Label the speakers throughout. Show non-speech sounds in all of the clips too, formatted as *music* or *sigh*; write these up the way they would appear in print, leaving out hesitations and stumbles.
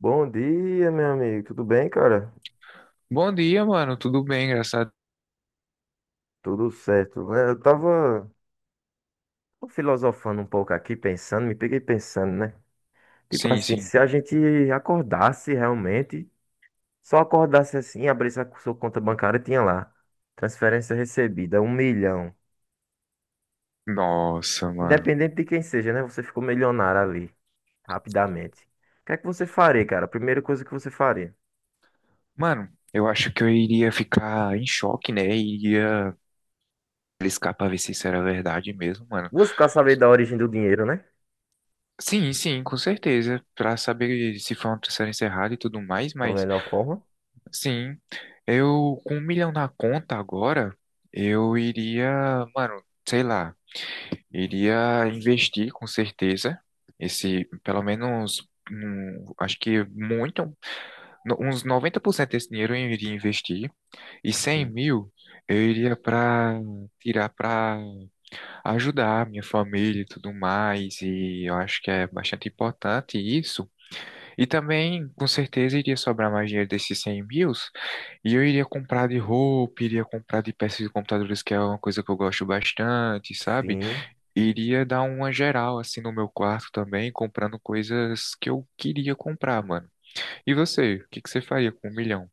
Speaker 1: Bom dia, meu amigo. Tudo bem, cara?
Speaker 2: Bom dia, mano. Tudo bem, engraçado?
Speaker 1: Tudo certo. É, eu tava filosofando um pouco aqui, pensando, me peguei pensando, né? Tipo
Speaker 2: Sim,
Speaker 1: assim,
Speaker 2: sim.
Speaker 1: se a gente acordasse realmente, só acordasse assim, abrisse a sua conta bancária, tinha lá. Transferência recebida, 1 milhão.
Speaker 2: Nossa, mano.
Speaker 1: Independente de quem seja, né? Você ficou milionário ali, rapidamente. O que é que você faria, cara? A primeira coisa que você faria.
Speaker 2: Mano, eu acho que eu iria ficar em choque, né? Iria arriscar pra ver se isso era verdade mesmo, mano.
Speaker 1: Buscar saber da origem do dinheiro, né?
Speaker 2: Sim, sim, com certeza. Pra saber se foi uma transferência errada e tudo mais,
Speaker 1: Da
Speaker 2: mas
Speaker 1: melhor forma.
Speaker 2: sim. Eu, com um milhão na conta agora, eu iria, mano, sei lá, iria investir com certeza. Esse, pelo menos, um, acho que muito. Uns 90% desse dinheiro eu iria investir e cem
Speaker 1: Sim.
Speaker 2: mil eu iria para tirar para ajudar a minha família e tudo mais. E eu acho que é bastante importante isso. E também, com certeza, iria sobrar mais dinheiro desses 100 mil e eu iria comprar de roupa, iria comprar de peças de computadores, que é uma coisa que eu gosto bastante, sabe?
Speaker 1: Sim.
Speaker 2: Iria dar uma geral assim no meu quarto também, comprando coisas que eu queria comprar, mano. E você, o que que você faria com um milhão?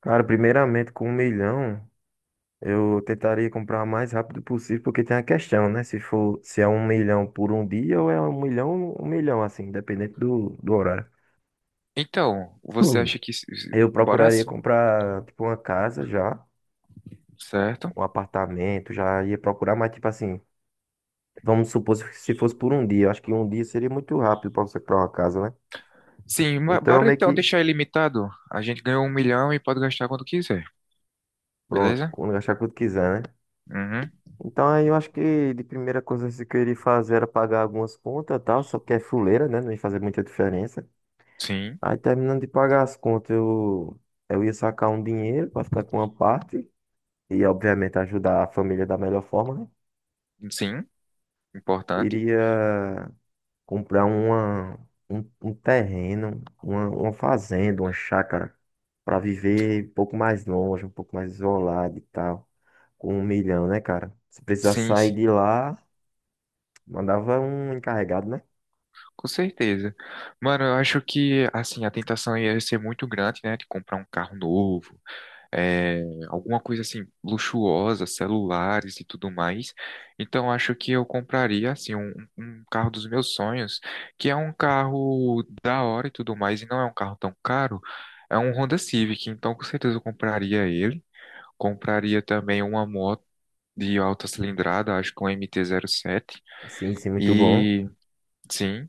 Speaker 1: Cara, primeiramente, com 1 milhão, eu tentaria comprar o mais rápido possível, porque tem a questão, né? Se for, se é 1 milhão por um dia ou é 1 milhão, 1 milhão, assim, independente do horário.
Speaker 2: Então, você
Speaker 1: Hum.
Speaker 2: acha que se- se-
Speaker 1: Eu
Speaker 2: Bora
Speaker 1: procuraria
Speaker 2: sim,
Speaker 1: comprar, tipo, uma casa já,
Speaker 2: certo?
Speaker 1: um apartamento, já ia procurar, mas, tipo assim, vamos supor se fosse por um dia. Eu acho que um dia seria muito rápido pra você comprar uma casa, né?
Speaker 2: Sim,
Speaker 1: Então,
Speaker 2: bora
Speaker 1: meio
Speaker 2: então
Speaker 1: que,
Speaker 2: deixar ilimitado. A gente ganhou um milhão e pode gastar quando quiser,
Speaker 1: pronto,
Speaker 2: beleza?
Speaker 1: quando achar quanto quiser, né?
Speaker 2: Uhum.
Speaker 1: Então aí eu acho que de primeira coisa que eu queria fazer era pagar algumas contas e tal, só que é fuleira, né? Não ia fazer muita diferença.
Speaker 2: Sim,
Speaker 1: Aí terminando de pagar as contas, eu ia sacar um dinheiro para ficar com uma parte e obviamente ajudar a família da melhor forma, né?
Speaker 2: sim, importante.
Speaker 1: Iria comprar uma, um terreno, uma fazenda, uma chácara para viver um pouco mais longe, um pouco mais isolado e tal, com 1 milhão, né, cara? Se precisasse
Speaker 2: Sim,
Speaker 1: sair
Speaker 2: sim,
Speaker 1: de lá, mandava um encarregado, né?
Speaker 2: com certeza. Mano, eu acho que, assim, a tentação ia ser muito grande, né? De comprar um carro novo, é, alguma coisa assim luxuosa, celulares e tudo mais. Então acho que eu compraria assim um carro dos meus sonhos, que é um carro da hora e tudo mais, e não é um carro tão caro. É um Honda Civic, então com certeza eu compraria ele. Compraria também uma moto de alta cilindrada, acho que um MT-07.
Speaker 1: Sim, sim, muito bom.
Speaker 2: E sim,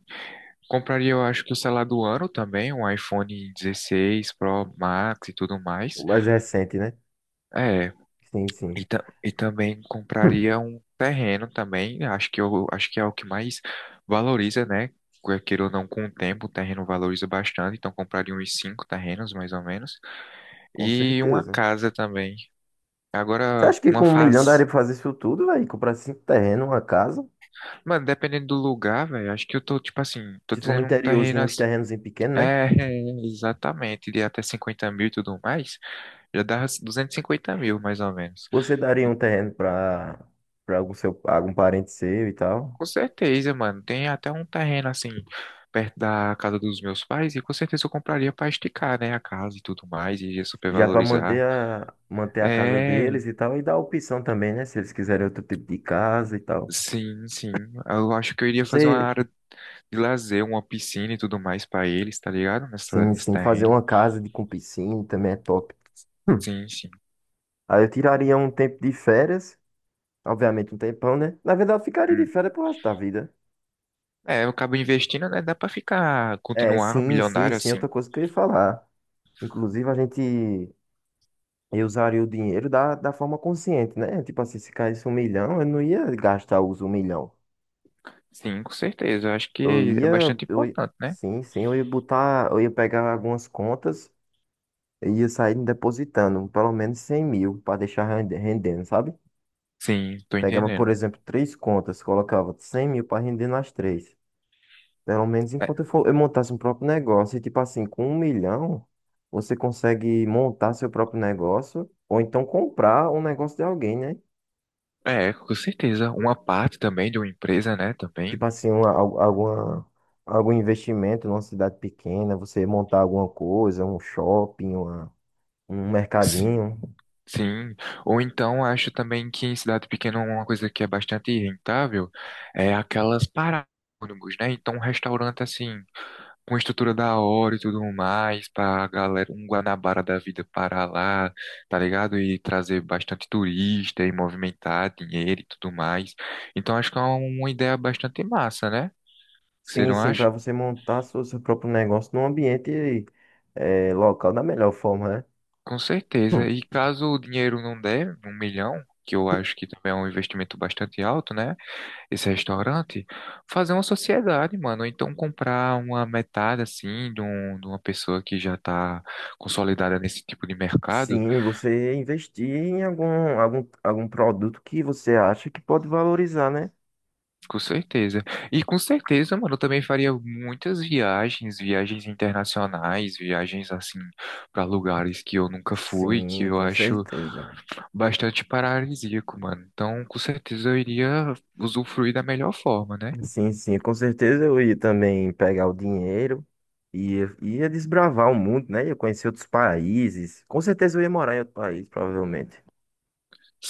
Speaker 2: compraria, eu acho que o celular do ano também, um iPhone 16 Pro Max e tudo
Speaker 1: O
Speaker 2: mais.
Speaker 1: mais recente, né?
Speaker 2: É,
Speaker 1: Sim, sim.
Speaker 2: e também
Speaker 1: Hum,
Speaker 2: compraria um terreno também, acho que eu acho que é o que mais valoriza, né? Quer queira ou não, com o tempo, o terreno valoriza bastante, então compraria uns cinco terrenos, mais ou menos.
Speaker 1: com
Speaker 2: E uma
Speaker 1: certeza.
Speaker 2: casa também.
Speaker 1: Você
Speaker 2: Agora,
Speaker 1: acha que
Speaker 2: uma
Speaker 1: com 1 milhão
Speaker 2: faz...
Speaker 1: daria pra fazer isso tudo, velho? Comprar cinco terrenos, uma casa?
Speaker 2: Mano, dependendo do lugar, velho, acho que eu tô, tipo assim, tô
Speaker 1: Se for no
Speaker 2: dizendo um terreno
Speaker 1: interiorzinho, uns
Speaker 2: assim...
Speaker 1: terrenos em pequeno, né?
Speaker 2: É, *laughs* exatamente, de até 50 mil e tudo mais, já dá 250 mil, mais ou menos.
Speaker 1: Você daria um terreno pra algum seu, algum parente seu e tal?
Speaker 2: Com certeza, mano. Tem até um terreno assim, perto da casa dos meus pais, e com certeza eu compraria pra esticar, né, a casa e tudo mais, e ia
Speaker 1: Já pra manter
Speaker 2: supervalorizar.
Speaker 1: a, manter a casa
Speaker 2: É,
Speaker 1: deles e tal. E dar opção também, né? Se eles quiserem outro tipo de casa e tal.
Speaker 2: sim, sim. Eu acho que eu iria fazer uma
Speaker 1: Você,
Speaker 2: área de lazer, uma piscina e tudo mais pra eles, tá ligado? Nessa,
Speaker 1: sim,
Speaker 2: nesse
Speaker 1: sim, fazer
Speaker 2: terreno.
Speaker 1: uma casa de, com piscina também é top. Hum.
Speaker 2: Sim, sim.
Speaker 1: Aí eu tiraria um tempo de férias. Obviamente um tempão, né? Na verdade, eu ficaria de
Speaker 2: Hum.
Speaker 1: férias pro resto da vida.
Speaker 2: É, eu acabo investindo, né? Dá pra ficar,
Speaker 1: É,
Speaker 2: continuar
Speaker 1: sim, sim,
Speaker 2: milionário
Speaker 1: sim,
Speaker 2: assim.
Speaker 1: outra coisa que eu ia falar. Inclusive, a gente eu usaria o dinheiro da forma consciente, né? Tipo assim, se caísse 1 milhão, eu não ia gastar os 1 milhão.
Speaker 2: Sim, com certeza. Eu acho que
Speaker 1: Eu
Speaker 2: é
Speaker 1: ia,
Speaker 2: bastante
Speaker 1: eu, ia-
Speaker 2: importante, né?
Speaker 1: sim, sim, eu ia botar, eu ia pegar algumas contas e ia sair depositando pelo menos 100 mil para deixar rendendo, sabe?
Speaker 2: Sim, tô
Speaker 1: Pegava, por
Speaker 2: entendendo.
Speaker 1: exemplo, três contas, colocava 100 mil para render nas três. Pelo menos
Speaker 2: É,
Speaker 1: enquanto eu montasse um próprio negócio. E tipo assim, com 1 milhão, você consegue montar seu próprio negócio ou então comprar um negócio de alguém, né?
Speaker 2: Com certeza. Uma parte também de uma empresa, né? Também.
Speaker 1: Tipo assim, algum investimento numa cidade pequena, você montar alguma coisa, um shopping, um
Speaker 2: Sim.
Speaker 1: mercadinho.
Speaker 2: Sim. Ou então acho também que em cidade pequena uma coisa que é bastante rentável é aquelas paradas de ônibus, né? Então um restaurante assim, com estrutura da hora e tudo mais, pra galera, um Guanabara da vida parar lá, tá ligado? E trazer bastante turista e movimentar dinheiro e tudo mais. Então acho que é uma ideia bastante massa, né? Você
Speaker 1: Sim,
Speaker 2: não
Speaker 1: sim,
Speaker 2: acha?
Speaker 1: para você montar seu próprio negócio num ambiente local da melhor forma,
Speaker 2: Com certeza.
Speaker 1: né?
Speaker 2: E caso o dinheiro não der, um milhão, que eu acho que também é um investimento bastante alto, né? Esse restaurante, fazer uma sociedade, mano. Ou então comprar uma metade, assim, de uma pessoa que já tá consolidada nesse tipo de mercado.
Speaker 1: Sim, você investir em algum produto que você acha que pode valorizar, né?
Speaker 2: Com certeza. E com certeza, mano, eu também faria muitas viagens, viagens internacionais, viagens, assim, para lugares que eu nunca fui, que
Speaker 1: Sim,
Speaker 2: eu
Speaker 1: com
Speaker 2: acho,
Speaker 1: certeza.
Speaker 2: bastante paradisíaco, mano. Então, com certeza eu iria usufruir da melhor forma, né?
Speaker 1: Sim, sim, com certeza eu ia também pegar o dinheiro e ia desbravar o mundo, né? Ia conhecer outros países. Com certeza eu ia morar em outro país, provavelmente.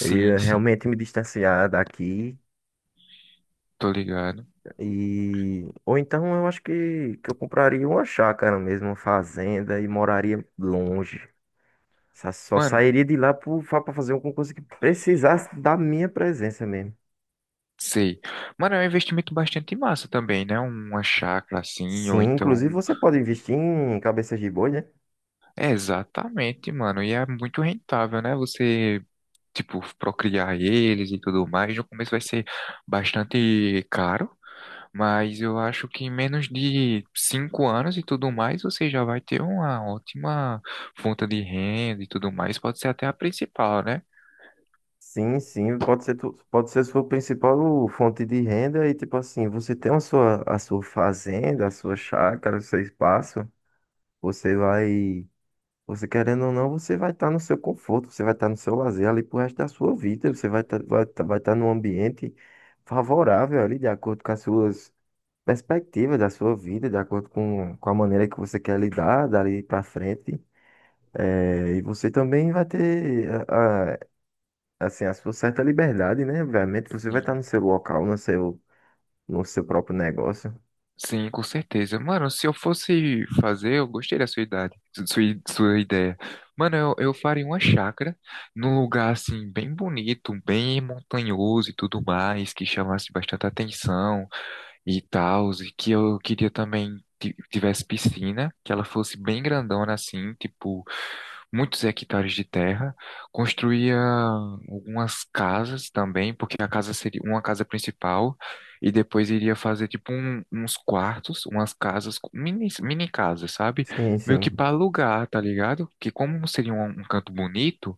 Speaker 1: Eu ia
Speaker 2: sim,
Speaker 1: realmente me distanciar daqui
Speaker 2: tô ligado.
Speaker 1: e ou então eu acho que eu compraria uma chácara mesmo, uma fazenda e moraria longe. Só
Speaker 2: Mano,
Speaker 1: sairia de lá para fazer um concurso que precisasse da minha presença mesmo.
Speaker 2: sei. Mano, é um investimento bastante massa também, né? Uma chácara assim, ou
Speaker 1: Sim,
Speaker 2: então.
Speaker 1: inclusive você pode investir em cabeças de boi, né?
Speaker 2: É, exatamente, mano. E é muito rentável, né? Você, tipo, procriar eles e tudo mais. No começo vai ser bastante caro. Mas eu acho que em menos de 5 anos e tudo mais, você já vai ter uma ótima fonte de renda e tudo mais. Pode ser até a principal, né?
Speaker 1: Sim, sim, pode ser, pode ser sua principal fonte de renda e tipo assim, você tem a sua fazenda, a sua chácara, o seu espaço, você vai, você querendo ou não, você vai estar no seu conforto, você vai estar no seu lazer ali pro resto da sua vida, você vai estar vai tá num ambiente favorável ali, de acordo com as suas perspectiva da sua vida, de acordo com a maneira que você quer lidar dali para frente. É, e você também vai ter assim, a sua certa liberdade, né? Obviamente, você vai estar
Speaker 2: Sim.
Speaker 1: no seu local, no seu próprio negócio.
Speaker 2: Sim, com certeza. Mano, se eu fosse fazer, eu gostei da sua idade, sua ideia. Mano, eu faria uma chácara num lugar assim, bem bonito, bem montanhoso e tudo mais, que chamasse bastante atenção e tal, e que eu queria também tivesse piscina, que ela fosse bem grandona assim, tipo, muitos hectares de terra. Construía algumas casas também, porque a casa seria uma casa principal, e depois iria fazer tipo uns quartos, umas casas, mini casas, sabe?
Speaker 1: Sim,
Speaker 2: Meio que
Speaker 1: sim.
Speaker 2: para alugar, tá ligado? Que como seria um canto bonito,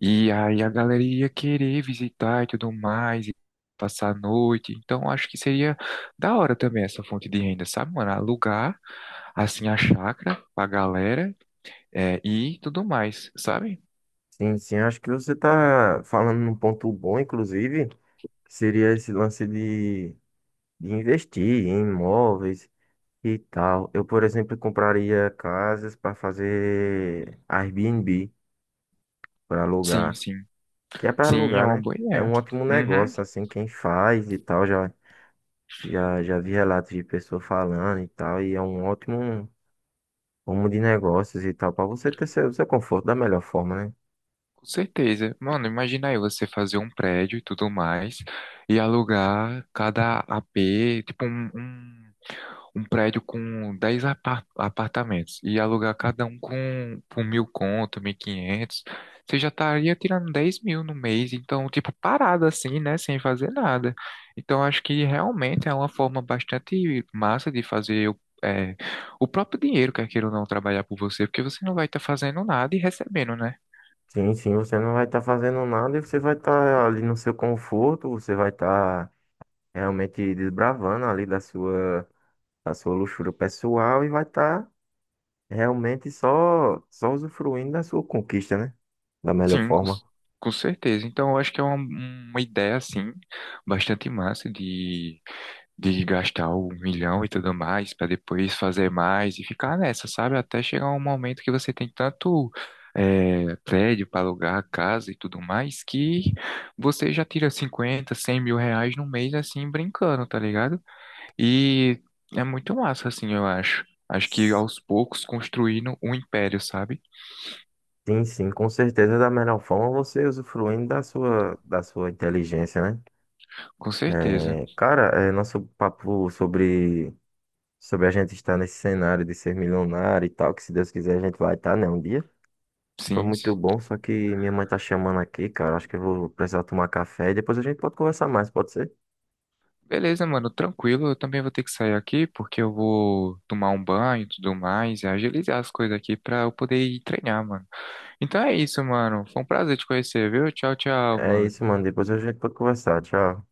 Speaker 2: e aí a galera ia querer visitar e tudo mais, e passar a noite. Então acho que seria da hora também essa fonte de renda, sabe, mano? Alugar assim a chácara pra galera, é, e tudo mais, sabe?
Speaker 1: Sim, sim. Acho que você está falando num ponto bom, inclusive, que seria esse lance de investir em imóveis e tal. Eu, por exemplo, compraria casas para fazer Airbnb, para
Speaker 2: Sim,
Speaker 1: alugar.
Speaker 2: sim.
Speaker 1: Que é para
Speaker 2: Sim, é
Speaker 1: alugar,
Speaker 2: uma
Speaker 1: né?
Speaker 2: boa
Speaker 1: É
Speaker 2: ideia.
Speaker 1: um ótimo
Speaker 2: Uhum,
Speaker 1: negócio, assim, quem faz e tal, já vi relatos de pessoa falando e tal, e é um ótimo rumo de negócios e tal, para você ter seu conforto da melhor forma, né?
Speaker 2: com certeza. Mano, imagina aí você fazer um prédio e tudo mais e alugar cada AP, tipo um prédio com 10 apartamentos e alugar cada um com por mil conto, 1.500, você já estaria tirando 10 mil no mês, então, tipo, parado assim, né, sem fazer nada. Então, acho que realmente é uma forma bastante massa de fazer o, é, o próprio dinheiro, quer queira ou não, trabalhar por você, porque você não vai estar fazendo nada e recebendo, né?
Speaker 1: Sim, sim, você não vai estar fazendo nada e você vai estar ali no seu conforto, você vai estar realmente desbravando ali da sua luxúria pessoal e vai estar realmente só usufruindo da sua conquista, né? Da melhor
Speaker 2: Sim, com,
Speaker 1: forma.
Speaker 2: com certeza. Então, eu acho que é uma ideia, assim, bastante massa de gastar um milhão e tudo mais, para depois fazer mais e ficar nessa, sabe? Até chegar um momento que você tem tanto prédio para alugar, casa e tudo mais, que você já tira cinquenta, 100 mil reais no mês, assim, brincando, tá ligado? E é muito massa, assim, eu acho. Acho que aos poucos construindo um império, sabe?
Speaker 1: Sim, sim, com certeza da melhor forma você usufruindo da sua inteligência, né?
Speaker 2: Com certeza.
Speaker 1: É, cara, é, nosso papo sobre a gente estar nesse cenário de ser milionário e tal, que se Deus quiser a gente vai estar, né, um dia. Foi
Speaker 2: Sim.
Speaker 1: muito bom, só que minha mãe tá chamando aqui, cara. Acho que eu vou precisar tomar café e depois a gente pode conversar mais, pode ser?
Speaker 2: Beleza, mano, tranquilo. Eu também vou ter que sair aqui porque eu vou tomar um banho e tudo mais e agilizar as coisas aqui pra eu poder ir treinar, mano. Então é isso, mano. Foi um prazer te conhecer, viu? Tchau, tchau,
Speaker 1: É isso,
Speaker 2: mano.
Speaker 1: mano. Depois a gente pode conversar. Tchau.